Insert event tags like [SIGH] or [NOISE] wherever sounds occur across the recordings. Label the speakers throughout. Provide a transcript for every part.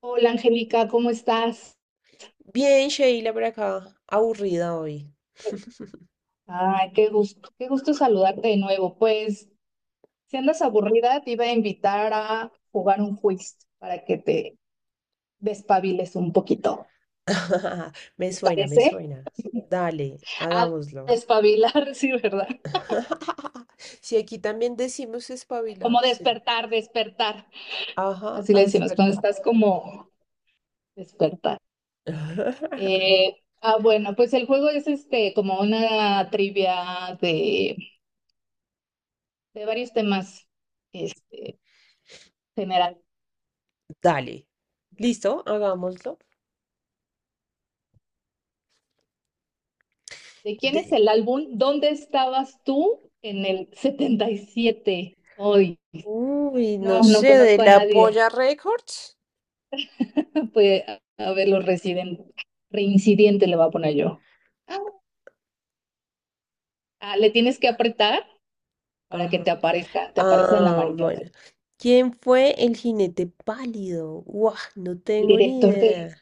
Speaker 1: Hola Angélica, ¿cómo estás?
Speaker 2: Bien, Sheila, por acá. Aburrida hoy.
Speaker 1: Ay, qué gusto saludarte de nuevo. Pues, si andas aburrida, te iba a invitar a jugar un quiz para que te despabiles un poquito.
Speaker 2: [LAUGHS] Me
Speaker 1: ¿Te
Speaker 2: suena, me
Speaker 1: parece?
Speaker 2: suena. Dale,
Speaker 1: A
Speaker 2: hagámoslo.
Speaker 1: despabilar, [LAUGHS] sí, ¿verdad?
Speaker 2: [LAUGHS] Si aquí también decimos
Speaker 1: Como
Speaker 2: espabilarse.
Speaker 1: despertar, despertar.
Speaker 2: Ajá,
Speaker 1: Así
Speaker 2: a
Speaker 1: le decimos, cuando
Speaker 2: despertar.
Speaker 1: estás como despertar.
Speaker 2: [LAUGHS]
Speaker 1: Ah, bueno, pues el juego es este como una trivia de varios temas este, generales.
Speaker 2: Dale. ¿Listo? Hagámoslo.
Speaker 1: ¿De quién es
Speaker 2: De...
Speaker 1: el álbum? ¿Dónde estabas tú en el 77? Hoy.
Speaker 2: Uy, no
Speaker 1: No, no
Speaker 2: sé, de
Speaker 1: conozco a
Speaker 2: la
Speaker 1: nadie.
Speaker 2: Polla
Speaker 1: [LAUGHS]
Speaker 2: Records.
Speaker 1: Pues, a ver, los residentes. Reincidente le voy a poner yo. Ah, le tienes que apretar para que
Speaker 2: Ajá.
Speaker 1: te aparezca. Te aparece en la
Speaker 2: Ah, bueno.
Speaker 1: amarilla.
Speaker 2: ¿Quién fue el jinete pálido? Guau, no
Speaker 1: El
Speaker 2: tengo ni
Speaker 1: director
Speaker 2: idea.
Speaker 1: de.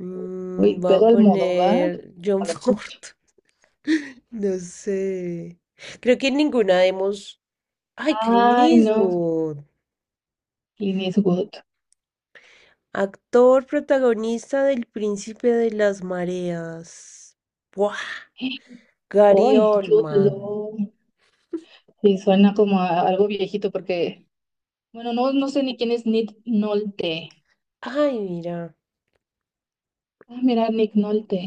Speaker 2: Mm,
Speaker 1: Uy,
Speaker 2: voy a
Speaker 1: Pedro Almodóvar.
Speaker 2: poner John Ford. [LAUGHS] No sé. Creo que ninguna hemos. Ay, Clint
Speaker 1: Ay, no.
Speaker 2: Eastwood.
Speaker 1: Clint Eastwood.
Speaker 2: Actor protagonista del Príncipe de las Mareas. Buah. Gary
Speaker 1: Uy, Jude
Speaker 2: Oldman.
Speaker 1: Law. Sí, suena como a algo viejito porque. Bueno, no, no sé ni quién es Nick Nolte.
Speaker 2: Ay, mira.
Speaker 1: Ah, mira, Nick Nolte.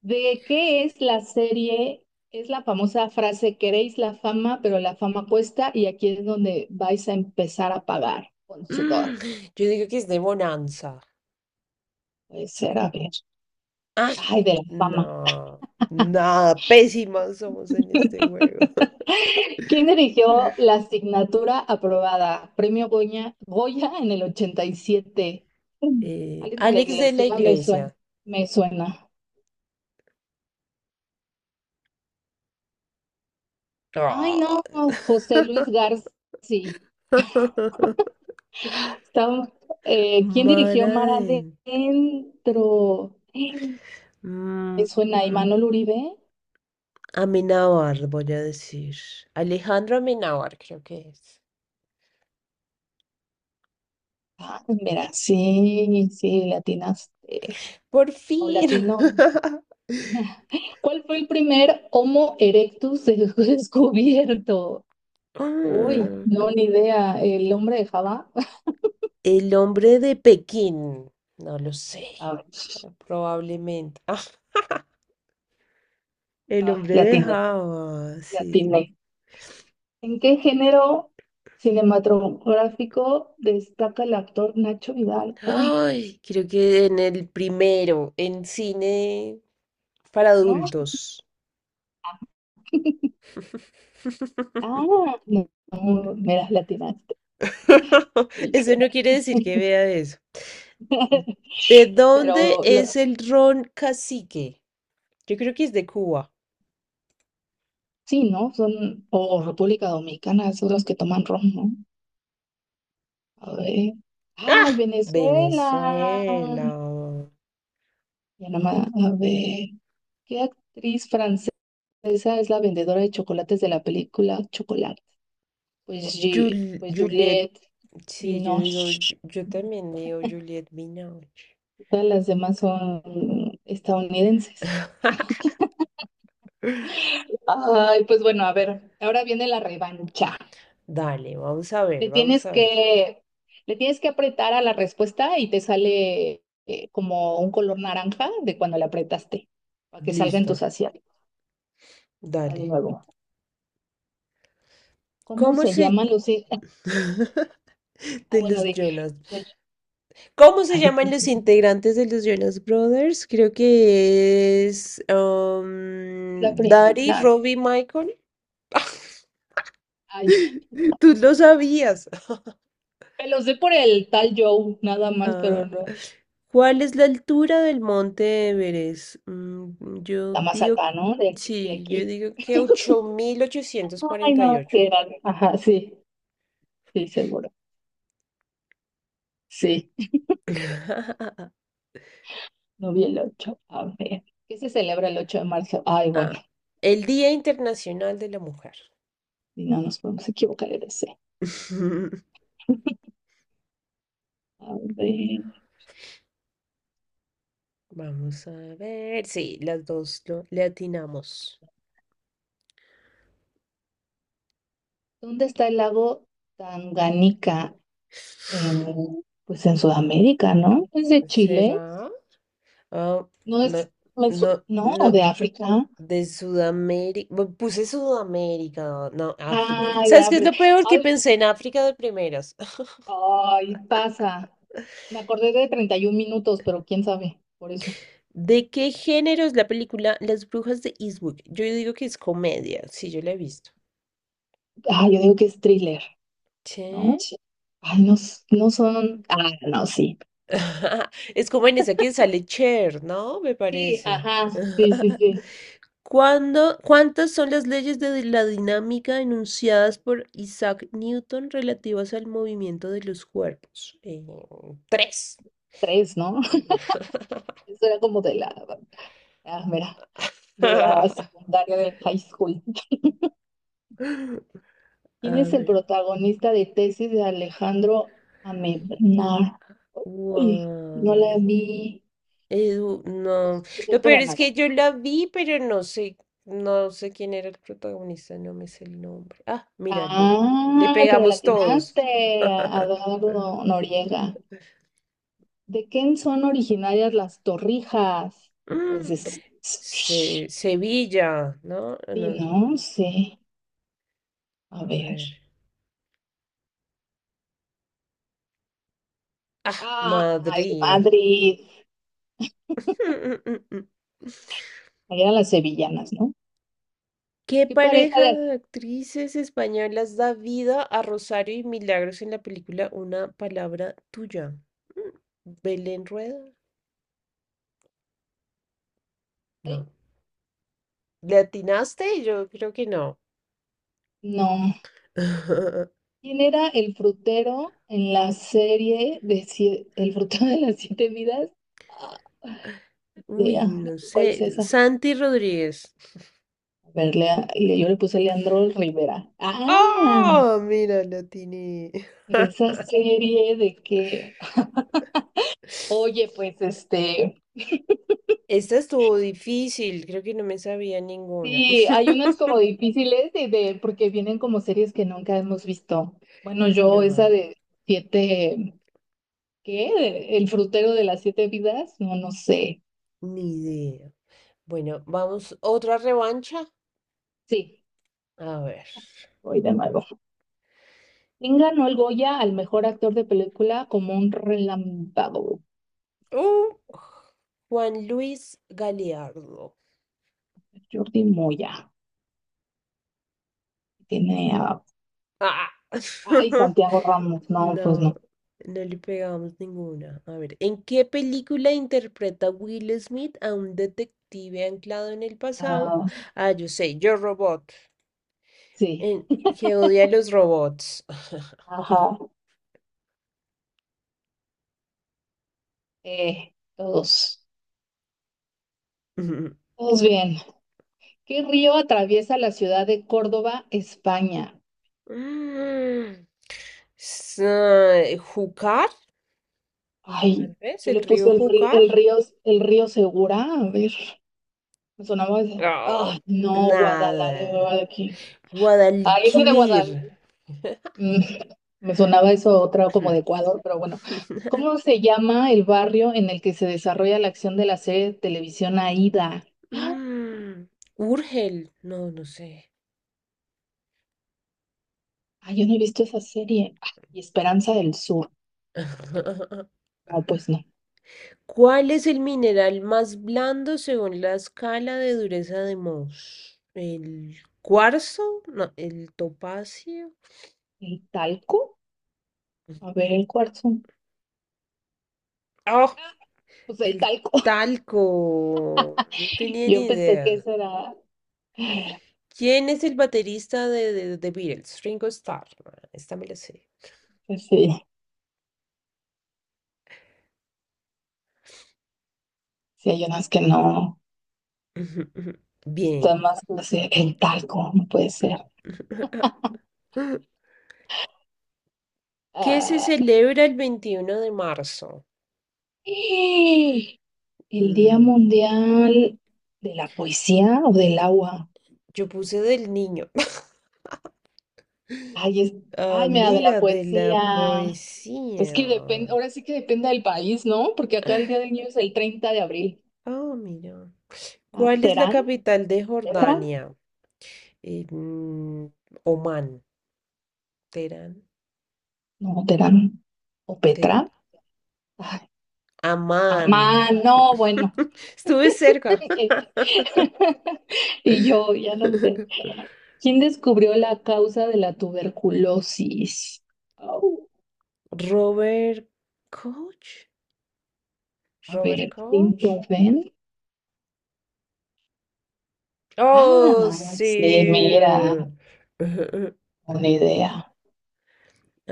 Speaker 1: ¿De qué es la serie? Es la famosa frase, queréis la fama, pero la fama cuesta y aquí es donde vais a empezar a pagar con
Speaker 2: Mm,
Speaker 1: sudor.
Speaker 2: yo digo que es de Bonanza.
Speaker 1: Puede ser, a ver.
Speaker 2: Ah,
Speaker 1: Ay, de la fama.
Speaker 2: no. Nada, pésimas somos en este juego. [LAUGHS]
Speaker 1: ¿Quién dirigió la asignatura aprobada? Premio Goya, Goya en el 87? Alex de la
Speaker 2: Alex de la
Speaker 1: Iglesia, me suena.
Speaker 2: Iglesia.
Speaker 1: Me suena. Ay,
Speaker 2: Ah,
Speaker 1: no, José Luis
Speaker 2: [LAUGHS]
Speaker 1: García.
Speaker 2: [LAUGHS]
Speaker 1: Estaba- ¿Quién dirigió
Speaker 2: Mara
Speaker 1: Mar
Speaker 2: de...
Speaker 1: Adentro?
Speaker 2: Mm,
Speaker 1: Me suena, ¿y Manuel Uribe?
Speaker 2: Amenábar, voy a decir. Alejandro Amenábar, creo que es.
Speaker 1: Ah, mira, sí, sí, latinas
Speaker 2: Por
Speaker 1: o
Speaker 2: fin.
Speaker 1: latino.
Speaker 2: [LAUGHS]
Speaker 1: ¿Cuál fue el primer Homo erectus [LAUGHS] descubierto? Uy,
Speaker 2: Mm,
Speaker 1: no, ni idea. ¿El hombre de Java?
Speaker 2: el hombre de Pekín. No lo sé.
Speaker 1: A ver,
Speaker 2: Probablemente. Ah, el
Speaker 1: ah,
Speaker 2: hombre
Speaker 1: le
Speaker 2: de
Speaker 1: atiné,
Speaker 2: Java,
Speaker 1: le
Speaker 2: sí.
Speaker 1: atiné. ¿En qué género cinematográfico destaca el actor Nacho Vidal? Uy,
Speaker 2: Ay, creo que en el primero, en cine para
Speaker 1: ¿no?
Speaker 2: adultos.
Speaker 1: Ah,
Speaker 2: [LAUGHS]
Speaker 1: no, no, mira, latinas.
Speaker 2: [LAUGHS]
Speaker 1: Y-
Speaker 2: Eso no quiere decir que vea eso.
Speaker 1: [LAUGHS]
Speaker 2: ¿De dónde
Speaker 1: Pero
Speaker 2: es
Speaker 1: lo-
Speaker 2: el ron cacique? Yo creo que es de Cuba.
Speaker 1: sí, ¿no? Son, o República Dominicana, son los que toman ron, ¿no? A ver. ¡Ay,
Speaker 2: ¡Ah!
Speaker 1: Venezuela!
Speaker 2: Venezuela.
Speaker 1: Ya nomás, a ver. ¿Qué actriz francesa es la vendedora de chocolates de la película Chocolate? Pues, Gi- pues
Speaker 2: Juliet.
Speaker 1: Juliette
Speaker 2: Sí, yo digo,
Speaker 1: Binoche.
Speaker 2: yo también digo Juliet Binoche.
Speaker 1: Todas las demás son estadounidenses.
Speaker 2: [GASPS]
Speaker 1: Ay, pues bueno, a ver, ahora viene la revancha.
Speaker 2: Dale, vamos a ver,
Speaker 1: Le
Speaker 2: vamos
Speaker 1: tienes
Speaker 2: a ver.
Speaker 1: que, le tienes que apretar a la respuesta y te sale como un color naranja de cuando le apretaste, para que salga en
Speaker 2: Listo,
Speaker 1: tus asiáticos. Va de
Speaker 2: dale.
Speaker 1: nuevo. ¿Cómo
Speaker 2: ¿Cómo
Speaker 1: se
Speaker 2: se...
Speaker 1: llaman los hijos? [LAUGHS]
Speaker 2: [LAUGHS]
Speaker 1: Ah,
Speaker 2: de
Speaker 1: bueno,
Speaker 2: los Jonas.
Speaker 1: del-
Speaker 2: ¿Cómo se
Speaker 1: ay,
Speaker 2: llaman
Speaker 1: es
Speaker 2: los integrantes de los Jonas Brothers? Creo que es
Speaker 1: la
Speaker 2: Daddy,
Speaker 1: primera.
Speaker 2: Robbie, Michael.
Speaker 1: Ay,
Speaker 2: [LAUGHS] Tú lo sabías.
Speaker 1: me lo sé por el tal Joe, nada más, pero
Speaker 2: Ah,
Speaker 1: no.
Speaker 2: ¿cuál es la altura del monte Everest? Mm, yo
Speaker 1: La más
Speaker 2: digo,
Speaker 1: alta, ¿no? De
Speaker 2: sí, yo
Speaker 1: aquí.
Speaker 2: digo que
Speaker 1: Ay, no, sí, ajá, sí, sí, seguro. Sí,
Speaker 2: 8848. [LAUGHS]
Speaker 1: no vi el 8. A ver. ¿Qué se celebra el 8 de marzo? Ay, bueno,
Speaker 2: Ah, el Día Internacional de la Mujer.
Speaker 1: y no nos podemos equivocar en ese.
Speaker 2: [LAUGHS]
Speaker 1: A ver,
Speaker 2: Vamos a ver. Sí, las dos lo, le atinamos.
Speaker 1: ¿dónde está el lago Tanganica? Pues en Sudamérica, ¿no? ¿Es de Chile?
Speaker 2: ¿Será? Ah,
Speaker 1: No es,
Speaker 2: no, no,
Speaker 1: no, ¿o
Speaker 2: no,
Speaker 1: de África?
Speaker 2: de Sudamérica. Puse Sudamérica, no, África.
Speaker 1: Ay, de
Speaker 2: ¿Sabes qué es lo
Speaker 1: África.
Speaker 2: peor? Que
Speaker 1: Ay,
Speaker 2: pensé en África de primeras. [LAUGHS]
Speaker 1: ay, pasa. Me acordé de 31 minutos, pero quién sabe, por eso.
Speaker 2: ¿De qué género es la película Las Brujas de Eastwick? Yo digo que es comedia, sí, yo la he visto.
Speaker 1: Ah, yo digo que es thriller, ¿no?
Speaker 2: ¿Sí?
Speaker 1: Sí. Ay, no, no son. Ah, no, sí.
Speaker 2: [LAUGHS] Es como en esa que sale Cher, ¿no? Me
Speaker 1: Sí,
Speaker 2: parece.
Speaker 1: ajá, sí, sí,
Speaker 2: [LAUGHS]
Speaker 1: sí.
Speaker 2: ¿Cuántas son las leyes de la dinámica enunciadas por Isaac Newton relativas al movimiento de los cuerpos? Tres.
Speaker 1: Tres, ¿no? [LAUGHS]
Speaker 2: [LAUGHS]
Speaker 1: Eso era como de la. Ah, mira, de la
Speaker 2: A
Speaker 1: secundaria de high school. ¿Quién es el
Speaker 2: ver,
Speaker 1: protagonista de Tesis de Alejandro Amenábar? Uy, no
Speaker 2: guay.
Speaker 1: la vi.
Speaker 2: Edu, no.
Speaker 1: Jesús
Speaker 2: Lo peor es
Speaker 1: Coronado.
Speaker 2: que yo la vi, pero no sé, no sé quién era el protagonista, no me sé el nombre. Ah, mírale, le
Speaker 1: Ah, pero la
Speaker 2: pegamos todos.
Speaker 1: atinaste,
Speaker 2: [LAUGHS]
Speaker 1: Adardo Noriega. ¿De quién son originarias las torrijas? Pues
Speaker 2: Mm,
Speaker 1: de. Sí,
Speaker 2: Sevilla, ¿no? No, no sé.
Speaker 1: no sé. A
Speaker 2: A
Speaker 1: ver.
Speaker 2: ver. Ah,
Speaker 1: Ah, ay,
Speaker 2: Madrid.
Speaker 1: Madrid.
Speaker 2: [LAUGHS]
Speaker 1: Ahí eran las sevillanas, ¿no?
Speaker 2: ¿Qué
Speaker 1: ¿Qué pareja
Speaker 2: pareja de
Speaker 1: de?
Speaker 2: actrices españolas da vida a Rosario y Milagros en la película Una palabra tuya? Mm, ¿Belén Rueda?
Speaker 1: Ay,
Speaker 2: No. ¿Le atinaste? Yo creo que no.
Speaker 1: no.
Speaker 2: [LAUGHS]
Speaker 1: ¿Quién era el frutero en la serie de El frutero de las siete vidas?
Speaker 2: Uy,
Speaker 1: Lea,
Speaker 2: no
Speaker 1: ¿cuál es
Speaker 2: sé.
Speaker 1: esa?
Speaker 2: Santi Rodríguez.
Speaker 1: A ver, Lea, yo le puse Leandro Rivera. Ah,
Speaker 2: ¡Oh! Mira, la atiné.
Speaker 1: pero esa serie de que,
Speaker 2: [LAUGHS]
Speaker 1: oye, pues
Speaker 2: [LAUGHS]
Speaker 1: este,
Speaker 2: Esta estuvo difícil, creo que no me sabía ninguna.
Speaker 1: sí, hay unas como
Speaker 2: [LAUGHS]
Speaker 1: difíciles porque vienen como series que nunca hemos visto. Bueno, yo esa
Speaker 2: Claro,
Speaker 1: de siete, ¿qué? El frutero de las siete vidas, no, no sé.
Speaker 2: ni idea. Bueno, vamos, otra revancha.
Speaker 1: Sí,
Speaker 2: A ver.
Speaker 1: voy de nuevo. ¿Quién ganó el Goya al mejor actor de película como un relámpago?
Speaker 2: Uh, Juan Luis Galeardo.
Speaker 1: Jordi Moya. Tiene a.
Speaker 2: Ah.
Speaker 1: Ay,
Speaker 2: [LAUGHS]
Speaker 1: Santiago Ramos. No, pues
Speaker 2: No,
Speaker 1: no.
Speaker 2: no le pegamos ninguna. A ver, ¿en qué película interpreta Will Smith a un detective anclado en el pasado?
Speaker 1: Ah,
Speaker 2: Ah, yo sé, Yo Robot,
Speaker 1: sí.
Speaker 2: en, que odia a los robots.
Speaker 1: Ajá. Todos.
Speaker 2: [LAUGHS]
Speaker 1: Todos bien. ¿Qué río atraviesa la ciudad de Córdoba, España?
Speaker 2: Mm, Júcar,
Speaker 1: Ay,
Speaker 2: tal vez,
Speaker 1: yo
Speaker 2: el
Speaker 1: le
Speaker 2: río
Speaker 1: puse el río,
Speaker 2: Júcar.
Speaker 1: el río, el río Segura. A ver, me sonaba ese.
Speaker 2: Oh,
Speaker 1: Ay, no,
Speaker 2: nada.
Speaker 1: Guadalajara. Ay, ese de
Speaker 2: Guadalquivir.
Speaker 1: Guadalajara. Mm, [LAUGHS] Me sonaba eso a otra como de
Speaker 2: Hmm.
Speaker 1: Ecuador, pero bueno.
Speaker 2: [LAUGHS]
Speaker 1: ¿Cómo se llama el barrio en el que se desarrolla la acción de la serie de televisión Aída? ¡Ah!
Speaker 2: Mm, Urgel, no, no sé.
Speaker 1: Ay, yo no he visto esa serie. Ah, y Esperanza del Sur.
Speaker 2: [LAUGHS]
Speaker 1: No, pues no.
Speaker 2: ¿Cuál es el mineral más blando según la escala de dureza de Mohs? ¿El cuarzo? No, ¿el topacio?
Speaker 1: ¿El talco? A ver, el cuarzo.
Speaker 2: Oh,
Speaker 1: Ah, pues el
Speaker 2: el
Speaker 1: talco.
Speaker 2: talco. No
Speaker 1: [LAUGHS]
Speaker 2: tenía
Speaker 1: Yo
Speaker 2: ni
Speaker 1: pensé que
Speaker 2: idea.
Speaker 1: eso era.
Speaker 2: ¿Quién es el baterista de Beatles? Ringo Starr. Ah, esta me la sé.
Speaker 1: Pues sí, sí hay unas que no.
Speaker 2: Ujú, ujú. Bien.
Speaker 1: Están más así. El talco, no puede
Speaker 2: Ujú,
Speaker 1: ser.
Speaker 2: ujú.
Speaker 1: [LAUGHS]
Speaker 2: [LAUGHS] ¿Qué se
Speaker 1: Ah.
Speaker 2: celebra el 21 de marzo?
Speaker 1: ¡Ah! El Día
Speaker 2: Mm,
Speaker 1: Mundial de la Poesía o del Agua.
Speaker 2: yo puse del niño. [LAUGHS]
Speaker 1: Ay, es,
Speaker 2: Ah,
Speaker 1: ay, mira, de la
Speaker 2: mira, de la
Speaker 1: poesía. Es
Speaker 2: poesía.
Speaker 1: que depende, ahora sí que depende del país, ¿no? Porque acá
Speaker 2: Ah,
Speaker 1: el Día del Niño es el 30 de abril.
Speaker 2: ah, mira.
Speaker 1: Ah,
Speaker 2: ¿Cuál es la
Speaker 1: ¿Terán?
Speaker 2: capital de
Speaker 1: ¿Petra?
Speaker 2: Jordania? Eh, mm, Omán, Teherán,
Speaker 1: No, Terán. ¿O
Speaker 2: Te-
Speaker 1: Petra? Ay,
Speaker 2: Amán.
Speaker 1: Amán, no, bueno.
Speaker 2: [LAUGHS] Estuve cerca.
Speaker 1: [LAUGHS] Y yo, ya no
Speaker 2: [LAUGHS]
Speaker 1: sé. ¿Quién descubrió la causa de la tuberculosis? Au.
Speaker 2: Robert Koch.
Speaker 1: A
Speaker 2: Robert
Speaker 1: ver,
Speaker 2: Koch.
Speaker 1: Clinton. Ah,
Speaker 2: Oh,
Speaker 1: sí,
Speaker 2: sí.
Speaker 1: mira,
Speaker 2: [LAUGHS]
Speaker 1: una idea.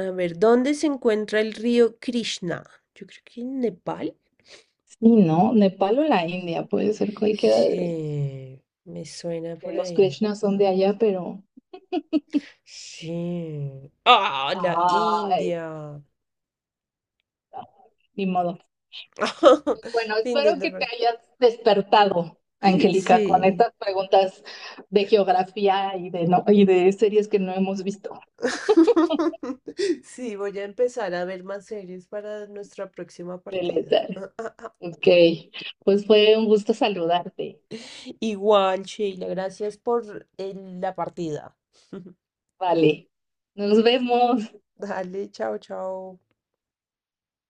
Speaker 2: A ver, ¿dónde se encuentra el río Krishna? Yo creo que en Nepal.
Speaker 1: Sí, ¿no? Nepal o la India, puede ser cualquiera de
Speaker 2: Sí, me suena
Speaker 1: de
Speaker 2: por
Speaker 1: los
Speaker 2: ahí.
Speaker 1: Krishnas son de allá, pero.
Speaker 2: Sí. ¡Ah, la
Speaker 1: Ay,
Speaker 2: India!
Speaker 1: ay, ni modo.
Speaker 2: [LAUGHS]
Speaker 1: Bueno,
Speaker 2: Fin
Speaker 1: espero
Speaker 2: del
Speaker 1: que te
Speaker 2: deporte.
Speaker 1: hayas despertado, Angélica, con
Speaker 2: Sí.
Speaker 1: estas preguntas de geografía y de, no, y de series que no hemos visto.
Speaker 2: [LAUGHS] Sí, voy a empezar a ver más series para nuestra próxima
Speaker 1: De
Speaker 2: partida.
Speaker 1: Lethal.
Speaker 2: [LAUGHS]
Speaker 1: Ok, pues fue un gusto saludarte.
Speaker 2: Igual, Sheila, gracias por la partida.
Speaker 1: Vale, nos vemos.
Speaker 2: Dale, chao, chao.